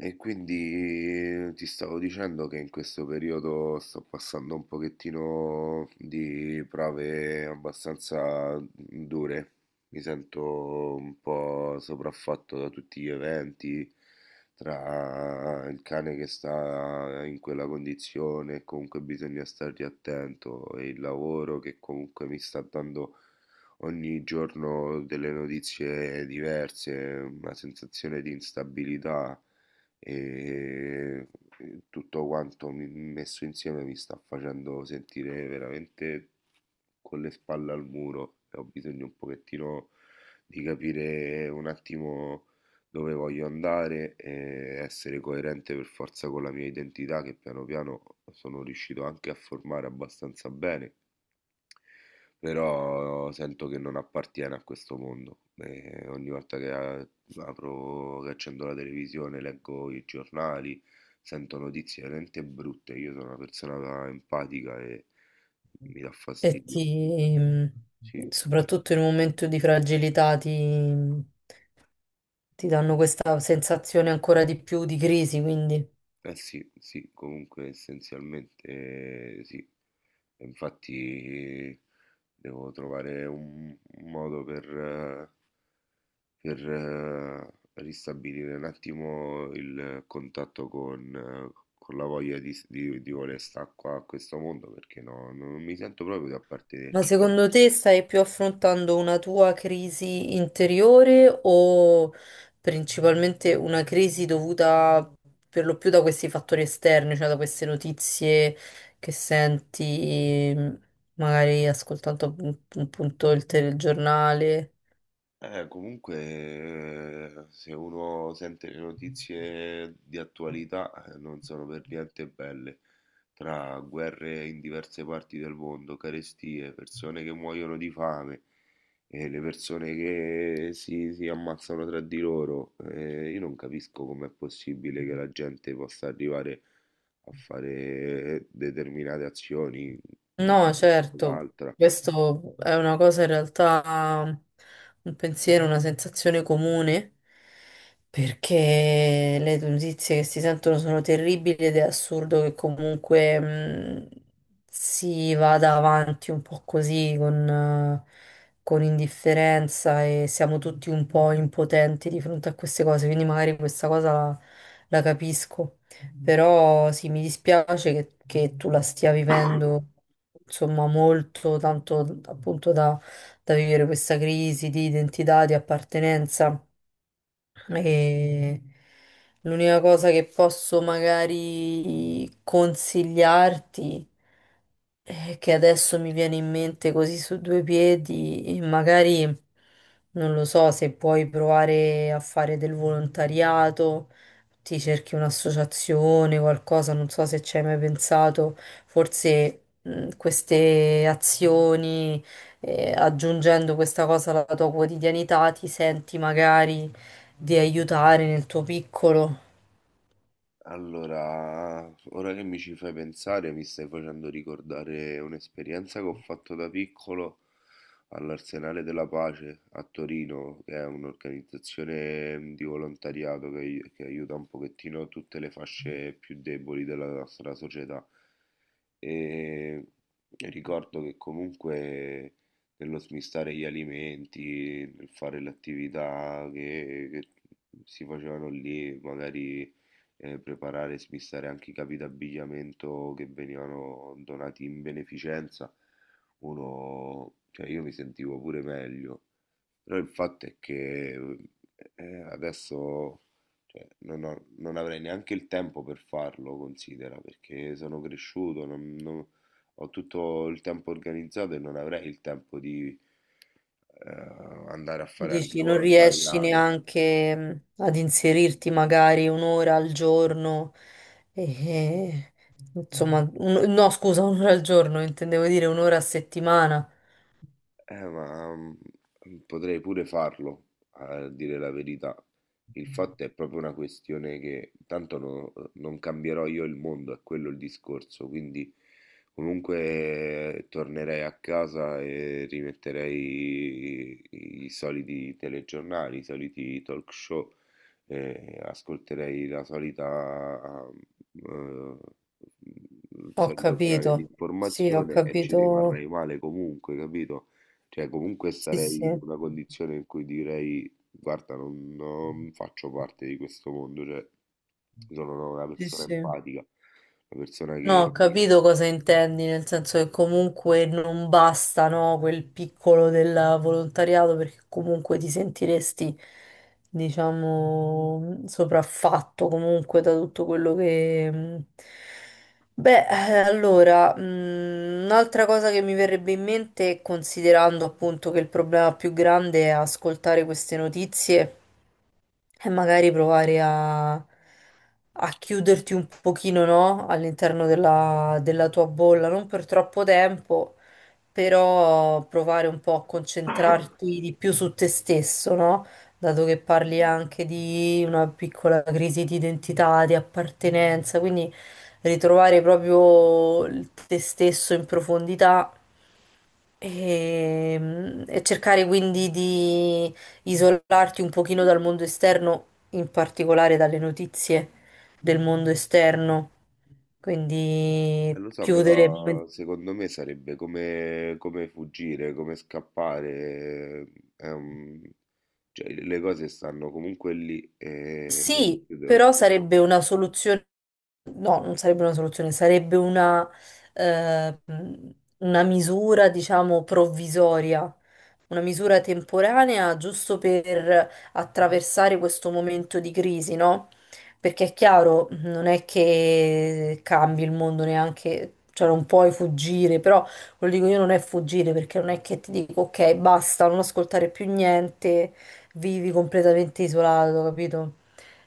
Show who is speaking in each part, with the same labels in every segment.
Speaker 1: E quindi ti stavo dicendo che in questo periodo sto passando un pochettino di prove abbastanza dure. Mi sento un po' sopraffatto da tutti gli eventi, tra il cane che sta in quella condizione, e comunque bisogna stargli attento, e il lavoro che comunque mi sta dando ogni giorno delle notizie diverse, una sensazione di instabilità e e tutto quanto messo insieme mi sta facendo sentire veramente con le spalle al muro, e ho bisogno un pochettino di capire un attimo dove voglio andare e essere coerente per forza con la mia identità, che piano piano sono riuscito anche a formare abbastanza bene, però sento che non appartiene a questo mondo. E ogni volta che apro, che accendo la televisione, leggo i giornali, sento notizie veramente brutte. Io sono una persona empatica e mi dà
Speaker 2: E
Speaker 1: fastidio.
Speaker 2: ti,
Speaker 1: Sì.
Speaker 2: soprattutto in un momento di fragilità, ti danno questa sensazione ancora di più di crisi, quindi.
Speaker 1: Eh sì, sì, comunque essenzialmente sì. E infatti devo trovare un modo per per ristabilire un attimo il contatto con con la voglia di di voler stare qua a questo mondo, perché no, non mi sento proprio di
Speaker 2: Ma
Speaker 1: appartenerci.
Speaker 2: secondo te stai più affrontando una tua crisi interiore o principalmente una crisi dovuta per lo più da questi fattori esterni, cioè da queste notizie che senti, magari ascoltando appunto il telegiornale?
Speaker 1: Comunque, se uno sente le notizie di attualità, non sono per niente belle. Tra guerre in diverse parti del mondo, carestie, persone che muoiono di fame, e le persone che si ammazzano tra di loro, io non capisco com'è possibile che la gente possa arrivare a fare determinate azioni,
Speaker 2: No, certo,
Speaker 1: l'altra.
Speaker 2: questo è una cosa in realtà, un pensiero, una sensazione comune, perché le notizie che si sentono sono terribili ed è assurdo che comunque si vada avanti un po' così con, con indifferenza e siamo tutti un po' impotenti di fronte a queste cose, quindi magari questa cosa, la capisco, però sì, mi dispiace che tu la stia vivendo insomma molto, tanto appunto, da vivere questa crisi di identità, di appartenenza. E l'unica cosa che posso magari consigliarti è che adesso mi viene in mente così su due piedi e magari non lo so se puoi provare a fare del volontariato, ti cerchi un'associazione, qualcosa, non so se ci hai mai pensato, forse queste azioni, aggiungendo questa cosa alla tua quotidianità, ti senti magari di aiutare nel tuo piccolo.
Speaker 1: Allora, ora che mi ci fai pensare, mi stai facendo ricordare un'esperienza che ho fatto da piccolo all'Arsenale della Pace a Torino, che è un'organizzazione di volontariato che aiuta un pochettino tutte le fasce più deboli della nostra società. E ricordo che comunque nello smistare gli alimenti, nel fare le attività che si facevano lì, magari preparare e smistare anche i capi d'abbigliamento che venivano donati in beneficenza, uno, cioè io mi sentivo pure meglio, però il fatto è che adesso, cioè, non avrei neanche il tempo per farlo, considera, perché sono cresciuto, ho tutto il tempo organizzato e non avrei il tempo di eh, andare a fare anche
Speaker 2: Dici, non riesci
Speaker 1: volontariato.
Speaker 2: neanche ad inserirti magari un'ora al giorno, e, insomma, no, scusa, un'ora al giorno, intendevo dire un'ora a settimana.
Speaker 1: Ma potrei pure farlo, a dire la verità. Il fatto è proprio una questione che tanto non cambierò io il mondo, è quello il discorso, quindi comunque tornerei a casa e rimetterei i soliti telegiornali, i soliti talk show, ascolterei la solita, eh, mm, il
Speaker 2: Ho
Speaker 1: solito canale di
Speaker 2: capito, sì, ho
Speaker 1: informazione, e ci
Speaker 2: capito,
Speaker 1: rimarrei male comunque, capito? Cioè, comunque sì,
Speaker 2: sì,
Speaker 1: sarei in
Speaker 2: sì,
Speaker 1: una condizione in cui direi, guarda, non faccio parte di questo mondo, cioè, sono una
Speaker 2: sì,
Speaker 1: persona
Speaker 2: sì.
Speaker 1: empatica, una persona
Speaker 2: No, ho
Speaker 1: che,
Speaker 2: capito cosa intendi, nel senso che comunque non basta, no, quel piccolo del volontariato perché comunque ti sentiresti, diciamo, sopraffatto comunque da tutto quello che... mm. Beh, allora, mm, un'altra cosa che mi verrebbe in mente, considerando appunto che il problema più grande è ascoltare queste notizie e magari provare a chiuderti un pochino, no? All'interno della tua bolla, non per troppo tempo, però provare un po' a concentrarti di più su te stesso, no? Dato che parli anche di una piccola crisi di identità, di appartenenza, quindi ritrovare proprio il te stesso in profondità. E cercare quindi di isolarti un pochino dal mondo esterno, in particolare dalle notizie del mondo esterno, quindi
Speaker 1: lo so,
Speaker 2: chiudere.
Speaker 1: però secondo me sarebbe come, come fuggire, come scappare, è un- cioè, le cose stanno comunque lì e
Speaker 2: Sì,
Speaker 1: io devo,
Speaker 2: però sarebbe una soluzione, no, non sarebbe una soluzione, sarebbe una, eh, una misura, diciamo, provvisoria una misura temporanea giusto per attraversare questo momento di crisi, no? Perché è chiaro, non è che cambi il mondo neanche, cioè non puoi fuggire, però quello dico io non è fuggire perché non è che ti dico ok, basta, non ascoltare più niente, vivi completamente isolato, capito?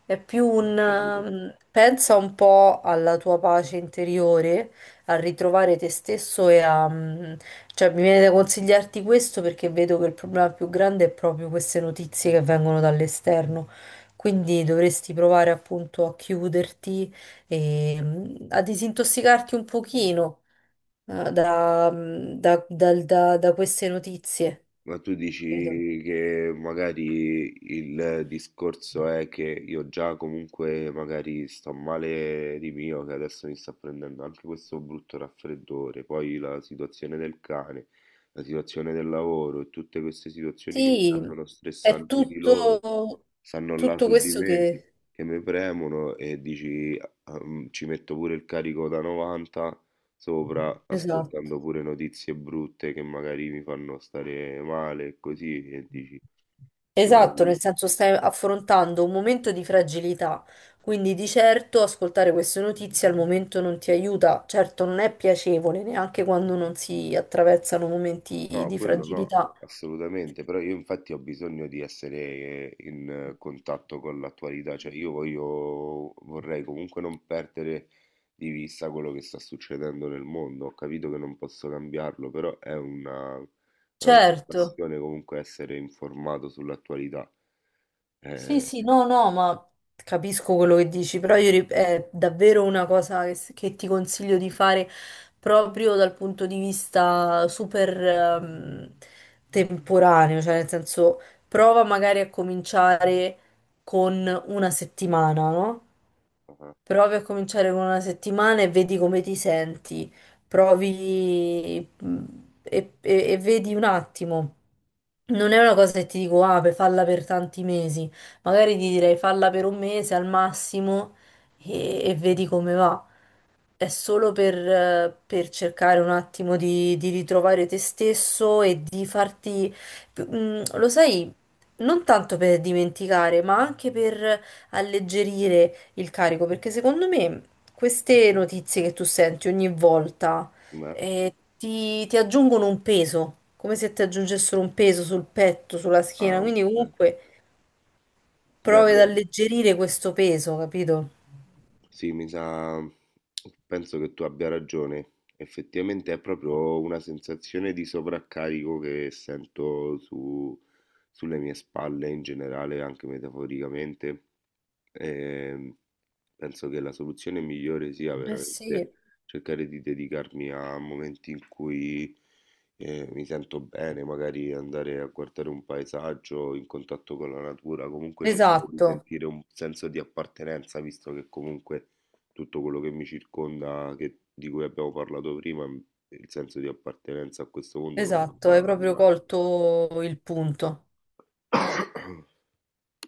Speaker 2: È più
Speaker 1: ho
Speaker 2: un...
Speaker 1: capito.
Speaker 2: pensa un po' alla tua pace interiore, a ritrovare te stesso e a, cioè, mi viene da consigliarti questo perché vedo che il problema più grande è proprio queste notizie che vengono dall'esterno. Quindi dovresti provare appunto a chiuderti e a disintossicarti un pochino da, mm, da- dal- da- da queste notizie.
Speaker 1: Ma tu
Speaker 2: Capito?
Speaker 1: dici che magari il discorso è che io già comunque magari sto male di mio, che adesso mi sta prendendo anche questo brutto raffreddore, poi la situazione del cane, la situazione del lavoro e tutte queste situazioni che già
Speaker 2: Sì,
Speaker 1: sono
Speaker 2: è
Speaker 1: stressanti di
Speaker 2: tutto,
Speaker 1: loro, stanno là
Speaker 2: tutto
Speaker 1: su di
Speaker 2: questo
Speaker 1: me,
Speaker 2: che...
Speaker 1: che mi premono, e dici ah, ci metto pure il carico da 90 sopra,
Speaker 2: Esatto.
Speaker 1: ascoltando pure notizie brutte che magari mi fanno stare male e così, e dici
Speaker 2: Esatto,
Speaker 1: dovrei...
Speaker 2: nel senso stai affrontando un momento di fragilità, quindi di certo ascoltare queste notizie al momento non ti aiuta, certo non è piacevole neanche quando non si attraversano momenti
Speaker 1: No,
Speaker 2: di
Speaker 1: quello no,
Speaker 2: fragilità.
Speaker 1: assolutamente, però io infatti ho bisogno di essere in contatto con l'attualità, cioè io voglio, vorrei comunque non perdere di vista quello che sta succedendo nel mondo, ho capito che non posso cambiarlo, però è una
Speaker 2: Certo.
Speaker 1: passione comunque essere informato sull'attualità.
Speaker 2: Sì,
Speaker 1: Eh,
Speaker 2: sì, no, no, ma capisco quello che dici, però io è davvero una cosa che ti consiglio di fare proprio dal punto di vista super temporaneo, cioè nel senso prova magari a cominciare con una settimana, no?
Speaker 1: ah,
Speaker 2: Provi a cominciare con una settimana e vedi come ti senti. Provi e vedi un attimo. Non è una cosa che ti dico, ah, per falla per tanti mesi. Magari ti direi falla per un mese al massimo e vedi come va. È solo per cercare un attimo di ritrovare te stesso e di farti, lo sai, non tanto per dimenticare, ma anche per alleggerire il carico, perché secondo me queste notizie che tu senti ogni volta,
Speaker 1: ma-
Speaker 2: ti aggiungono un peso, come se ti aggiungessero un peso sul petto, sulla schiena, quindi
Speaker 1: ok.
Speaker 2: comunque
Speaker 1: Beh,
Speaker 2: provi ad
Speaker 1: beh,
Speaker 2: alleggerire questo peso, capito?
Speaker 1: sì, mi sa, penso che tu abbia ragione. Effettivamente è proprio una sensazione di sovraccarico che sento sulle mie spalle in generale, anche metaforicamente. E penso che la soluzione migliore sia
Speaker 2: Eh sì,
Speaker 1: veramente cercare di dedicarmi a momenti in cui mi sento bene, magari andare a guardare un paesaggio in contatto con la natura, comunque cercare di
Speaker 2: esatto.
Speaker 1: sentire un senso di appartenenza, visto che comunque tutto quello che mi circonda, di cui abbiamo parlato prima, il senso di appartenenza a questo mondo non me lo
Speaker 2: Esatto,
Speaker 1: fa
Speaker 2: hai proprio
Speaker 1: nulla.
Speaker 2: colto il punto.